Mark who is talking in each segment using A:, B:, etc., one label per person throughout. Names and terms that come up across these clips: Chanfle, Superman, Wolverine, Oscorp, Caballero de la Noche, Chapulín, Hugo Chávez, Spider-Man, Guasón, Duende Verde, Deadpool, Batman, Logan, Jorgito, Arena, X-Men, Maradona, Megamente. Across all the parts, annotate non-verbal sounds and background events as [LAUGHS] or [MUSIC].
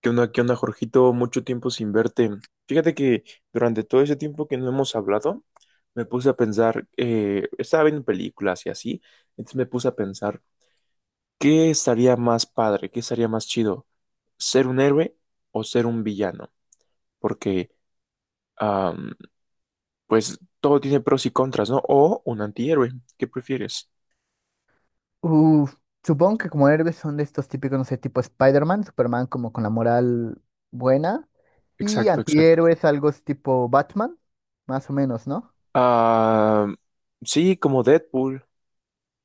A: Qué onda, Jorgito? Mucho tiempo sin verte. Fíjate que durante todo ese tiempo que no hemos hablado, me puse a pensar, estaba viendo películas y así, entonces me puse a pensar, ¿qué estaría más padre? ¿Qué estaría más chido? ¿Ser un héroe o ser un villano? Porque, am, pues, todo tiene pros y contras, ¿no? O un antihéroe, ¿qué prefieres?
B: Uf, supongo que como héroes son de estos típicos, no sé, tipo Spider-Man, Superman como con la moral buena. Y
A: Exacto, exacto.
B: antihéroes, algo es tipo Batman, más o menos, ¿no?
A: Ah, sí, como Deadpool,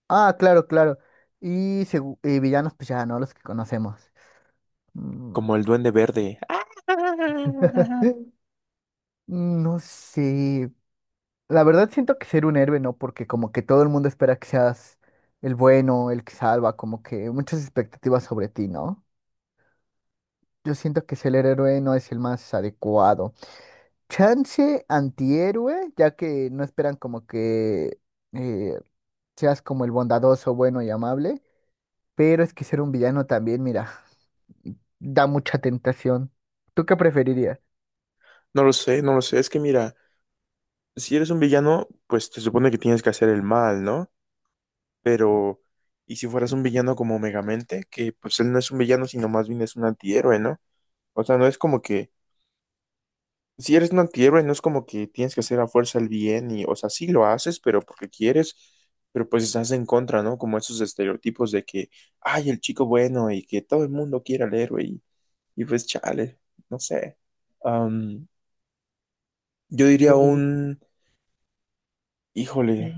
B: Ah, claro, claro. Y, y villanos, pues ya, ¿no? Los que conocemos. Mm.
A: como el Duende Verde. [LAUGHS]
B: [LAUGHS] No sé. La verdad siento que ser un héroe, ¿no? Porque como que todo el mundo espera que seas el bueno, el que salva, como que muchas expectativas sobre ti, ¿no? Yo siento que ser el héroe no es el más adecuado. Chance antihéroe, ya que no esperan como que eh, seas como el bondadoso, bueno y amable, pero es que ser un villano también, mira, da mucha tentación. ¿Tú qué preferirías?
A: No lo sé, no lo sé. Es que mira, si eres un villano, pues te supone que tienes que hacer el mal, ¿no? Pero, ¿y si fueras un villano como Megamente? Que pues él no es un villano, sino más bien es un antihéroe, ¿no? O sea, no es como que, si eres un antihéroe, no es como que tienes que hacer a fuerza el bien y, o sea, sí lo haces, pero porque quieres, pero pues estás en contra, ¿no? Como esos estereotipos de que, ay, el chico bueno y que todo el mundo quiera al héroe y pues chale, no sé. Am, yo diría
B: Pues,
A: un, híjole.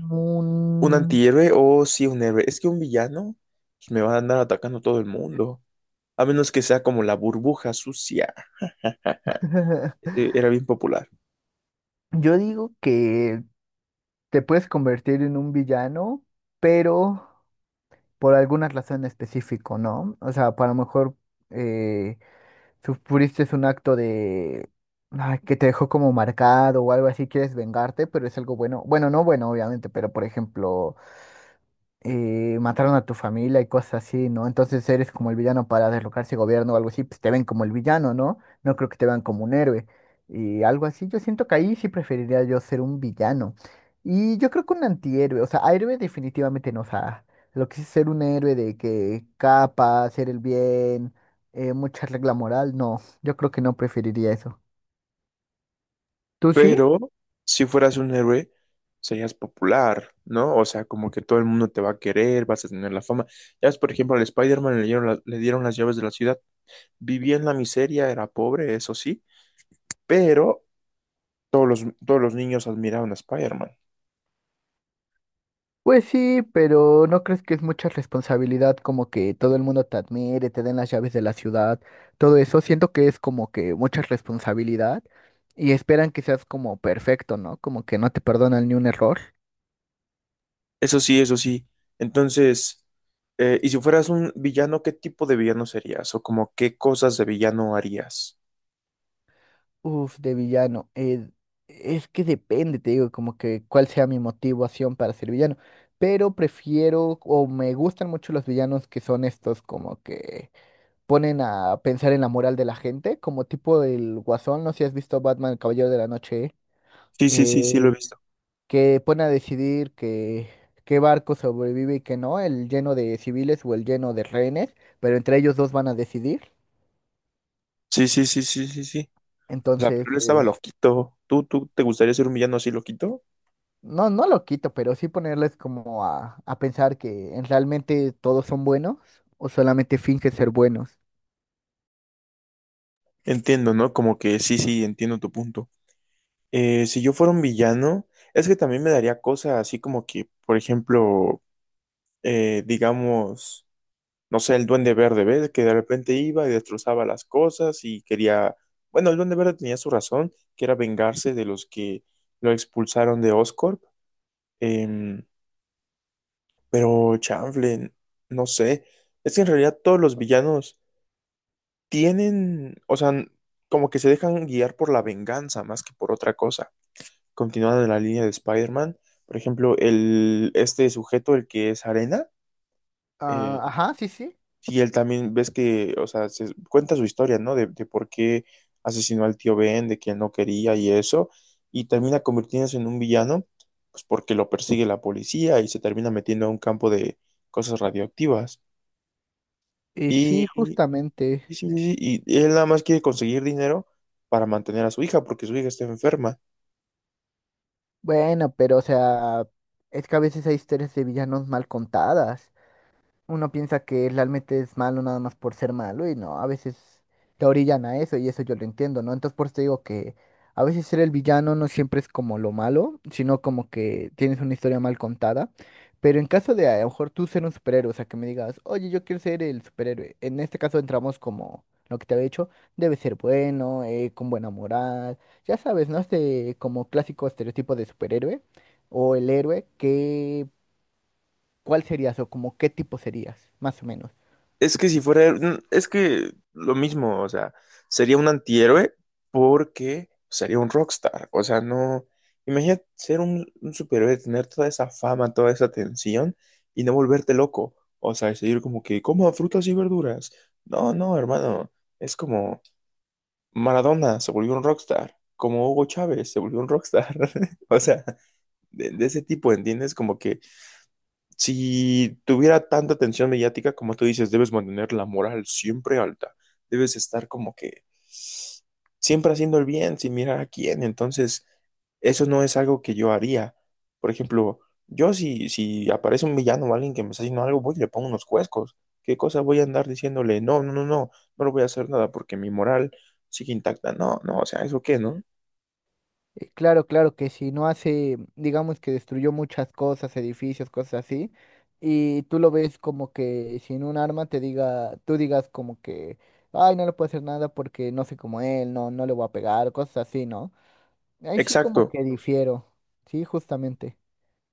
A: ¿Un antihéroe o sí un héroe? Es que un villano pues, me va a andar atacando todo el mundo. A menos que sea como la burbuja sucia.
B: [LAUGHS]
A: Ese era bien popular.
B: yo digo que te puedes convertir en un villano, pero por alguna razón específica, ¿no? O sea, para lo mejor sufriste un acto de ay, que te dejó como marcado o algo así, quieres vengarte, pero es algo bueno. Bueno, no bueno, obviamente, pero por ejemplo, mataron a tu familia y cosas así, ¿no? Entonces eres como el villano para derrocar ese gobierno o algo así, pues te ven como el villano, ¿no? No creo que te vean como un héroe. Y algo así, yo siento que ahí sí preferiría yo ser un villano. Y yo creo que un antihéroe, o sea, a héroe definitivamente no, o sea, lo que sí es ser un héroe de que capa, hacer el bien, mucha regla moral, no, yo creo que no preferiría eso. ¿Tú sí?
A: Pero si fueras un héroe, serías popular, ¿no? O sea, como que todo el mundo te va a querer, vas a tener la fama. Ya ves, por ejemplo, al Spider-Man le dieron, le dieron las llaves de la ciudad. Vivía en la miseria, era pobre, eso sí. Pero todos los niños admiraban a Spider-Man.
B: Pues sí, pero ¿no crees que es mucha responsabilidad como que todo el mundo te admire, te den las llaves de la ciudad, todo eso? Siento que es como que mucha responsabilidad y esperan que seas como perfecto, ¿no? Como que no te perdonan ni un error.
A: Eso sí, eso sí. Entonces, y si fueras un villano, ¿qué tipo de villano serías? O como qué cosas de villano harías.
B: Uf, de villano. Es que depende, te digo, como que cuál sea mi motivación para ser villano. Pero prefiero o me gustan mucho los villanos que son estos como que ponen a pensar en la moral de la gente, como tipo del Guasón, no sé si has visto Batman, el Caballero de la Noche,
A: Sí, sí, sí, sí, lo he
B: eh,
A: visto.
B: que pone a decidir que qué barco sobrevive y qué no, el lleno de civiles o el lleno de rehenes, pero entre ellos dos van a decidir.
A: Sí, sí, sí, sí, sí, sí. O sea,
B: Entonces,
A: pero él estaba
B: pues,
A: loquito. ¿Tú te gustaría ser un villano así loquito?
B: no, no lo quito, pero sí ponerles como a pensar que en realmente todos son buenos o solamente fingen ser buenos.
A: Entiendo, ¿no? Como que sí, sí, entiendo tu punto. Si yo fuera un villano, es que también me daría cosas así como que, por ejemplo, digamos. No sé, el Duende Verde, ¿ves? Que de repente iba y destrozaba las cosas y quería, bueno, el Duende Verde tenía su razón, que era vengarse de los que lo expulsaron de Oscorp. Em, pero chanfle, no sé, es que en realidad todos los villanos tienen, o sea, como que se dejan guiar por la venganza más que por otra cosa. Continuando en la línea de Spider-Man, por ejemplo, este sujeto, el que es Arena,
B: Ah,
A: eh,
B: ajá, sí, sí.
A: sí, él también ves que, o sea, cuenta su historia, ¿no? De por qué asesinó al tío Ben, de que él no quería y eso, y termina convirtiéndose en un villano, pues porque lo persigue la policía y se termina metiendo a un campo de cosas radioactivas.
B: Y
A: Y,
B: sí,
A: y,
B: justamente.
A: sí, sí, sí, y él nada más quiere conseguir dinero para mantener a su hija, porque su hija está enferma.
B: Bueno, pero o sea, es que a veces hay historias de villanos mal contadas, uno piensa que realmente es malo nada más por ser malo y no, a veces te orillan a eso y eso yo lo entiendo, ¿no? Entonces por eso te digo que a veces ser el villano no siempre es como lo malo, sino como que tienes una historia mal contada. Pero en caso de a lo mejor tú ser un superhéroe, o sea, que me digas, oye, yo quiero ser el superhéroe. En este caso entramos como lo que te había dicho, debe ser bueno, con buena moral, ya sabes, ¿no? Este como clásico estereotipo de superhéroe o el héroe que ¿cuál serías o como qué tipo serías, más o menos?
A: Es que si fuera, es que lo mismo, o sea, sería un antihéroe porque sería un rockstar. O sea, no, imagínate ser un superhéroe, tener toda esa fama, toda esa atención y no volverte loco. O sea, seguir como que coma frutas y verduras. No, no, hermano, es como Maradona se volvió un rockstar, como Hugo Chávez se volvió un rockstar. [LAUGHS] O sea, de ese tipo, ¿entiendes? Como que si tuviera tanta atención mediática como tú dices, debes mantener la moral siempre alta. Debes estar como que siempre haciendo el bien sin mirar a quién. Entonces, eso no es algo que yo haría. Por ejemplo, yo si, si aparece un villano o alguien que me está haciendo algo, voy y le pongo unos cuescos. ¿Qué cosa voy a andar diciéndole? No, no, no, no, no le voy a hacer nada porque mi moral sigue intacta. No, no, o sea, ¿eso qué, no?
B: Claro, claro que si no hace, digamos que destruyó muchas cosas, edificios, cosas así, y tú lo ves como que sin un arma te diga, tú digas como que, ay, no le puedo hacer nada porque no sé como él, no, no le voy a pegar, cosas así, ¿no? Ahí sí como
A: Exacto,
B: que difiero, sí, justamente.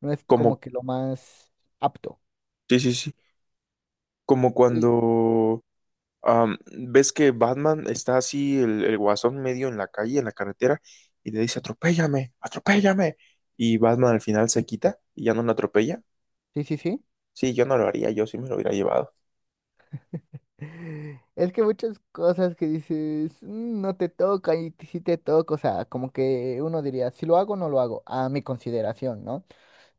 B: No es como
A: como,
B: que lo más apto.
A: sí, sí, sí, como
B: Sí,
A: cuando ves que Batman está así, el guasón medio en la calle, en la carretera, y le dice, atropéllame, atropéllame. Y Batman al final se quita y ya no lo atropella.
B: sí, sí. Sí.
A: Sí, yo no lo haría, yo sí me lo hubiera llevado.
B: Es que muchas cosas que dices, "Mm, no te toca y si te toca", o sea, como que uno diría, si lo hago o no lo hago, a mi consideración, ¿no?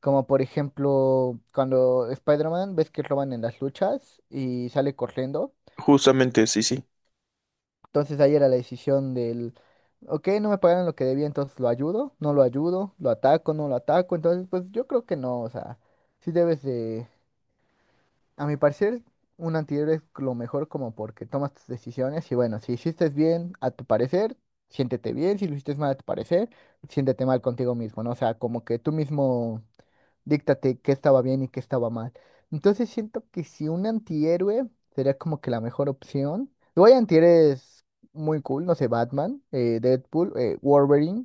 B: Como por ejemplo, cuando Spider-Man ves que roban en las luchas y sale corriendo,
A: Justamente, sí, sí.
B: entonces ahí era la decisión del, ok, no me pagaron lo que debía, entonces lo ayudo, no lo ayudo, lo ataco, no lo ataco, entonces pues yo creo que no, o sea, sí debes de a mi parecer, un antihéroe es lo mejor como porque tomas tus decisiones y bueno, si hiciste bien a tu parecer, siéntete bien, si lo hiciste mal a tu parecer, siéntete mal contigo mismo, ¿no? O sea, como que tú mismo díctate qué estaba bien y qué estaba mal. Entonces siento que si un antihéroe sería como que la mejor opción. Luego hay antihéroes muy cool, no sé, Batman, Deadpool, Wolverine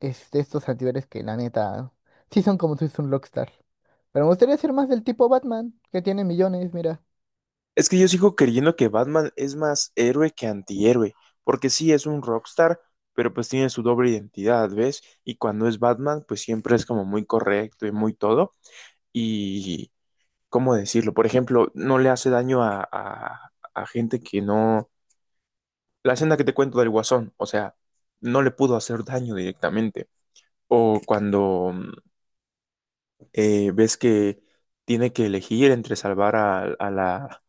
B: es de estos antihéroes que la neta sí son como si fuese un rockstar. Pero me gustaría ser más del tipo Batman, que tiene millones, mira.
A: Es que yo sigo creyendo que Batman es más héroe que antihéroe, porque sí es un rockstar, pero pues tiene su doble identidad, ¿ves? Y cuando es Batman, pues siempre es como muy correcto y muy todo. Y, ¿cómo decirlo? Por ejemplo, no le hace daño a gente que no. La escena que te cuento del Guasón, o sea, no le pudo hacer daño directamente. O cuando ves que tiene que elegir entre salvar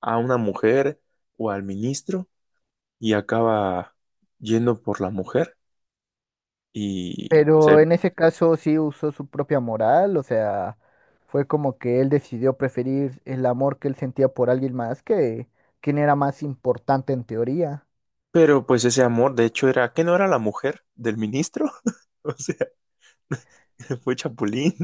A: a una mujer o al ministro y acaba yendo por la mujer. Y pues,
B: Pero en ese caso sí usó su propia moral, o sea, fue como que él decidió preferir el amor que él sentía por alguien más que quien era más importante en teoría.
A: pero pues ese amor, de hecho, era que no era la mujer del ministro, [LAUGHS] o sea, [LAUGHS] fue Chapulín.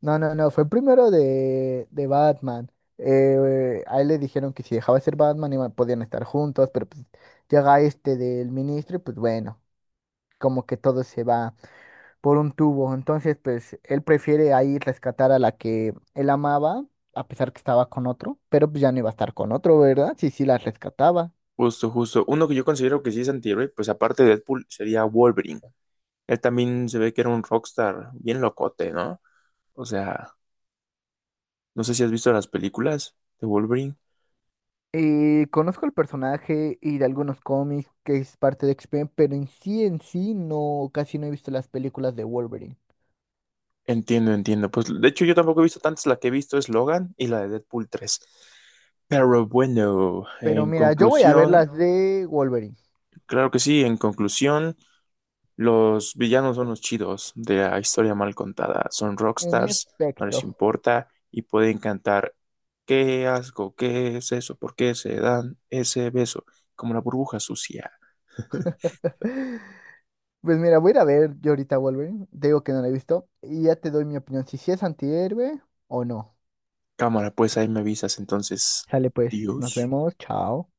B: No, no, no, fue primero de Batman. A él le dijeron que si dejaba de ser Batman iban, podían estar juntos, pero pues llega este del ministro y pues bueno, como que todo se va por un tubo. Entonces, pues él prefiere ahí rescatar a la que él amaba, a pesar que estaba con otro, pero pues ya no iba a estar con otro, ¿verdad? Sí, sí, la rescataba.
A: Justo, justo. Uno que yo considero que sí es antihéroe, pues aparte de Deadpool, sería Wolverine. Él también se ve que era un rockstar bien locote, ¿no? O sea, no sé si has visto las películas de Wolverine.
B: Y conozco el personaje y de algunos cómics que es parte de X-Men, pero en sí, no, casi no he visto las películas de Wolverine.
A: Entiendo, entiendo. Pues de hecho yo tampoco he visto tantas. La que he visto es Logan y la de Deadpool 3. Pero bueno,
B: Pero
A: en
B: mira, yo voy a ver
A: conclusión,
B: las de Wolverine,
A: claro que sí, en conclusión, los villanos son los chidos de la historia mal contada. Son
B: en
A: rockstars, no les
B: efecto.
A: importa y pueden cantar ¿qué asco? ¿Qué es eso? ¿Por qué se dan ese beso? Como la burbuja sucia. [LAUGHS]
B: [LAUGHS] Pues mira, voy a ir a ver yo ahorita Wolverine, te digo que no la he visto, y ya te doy mi opinión, si sí es antihéroe o no.
A: Cámara, pues ahí me avisas entonces.
B: Sale pues, nos
A: Adiós.
B: vemos, chao.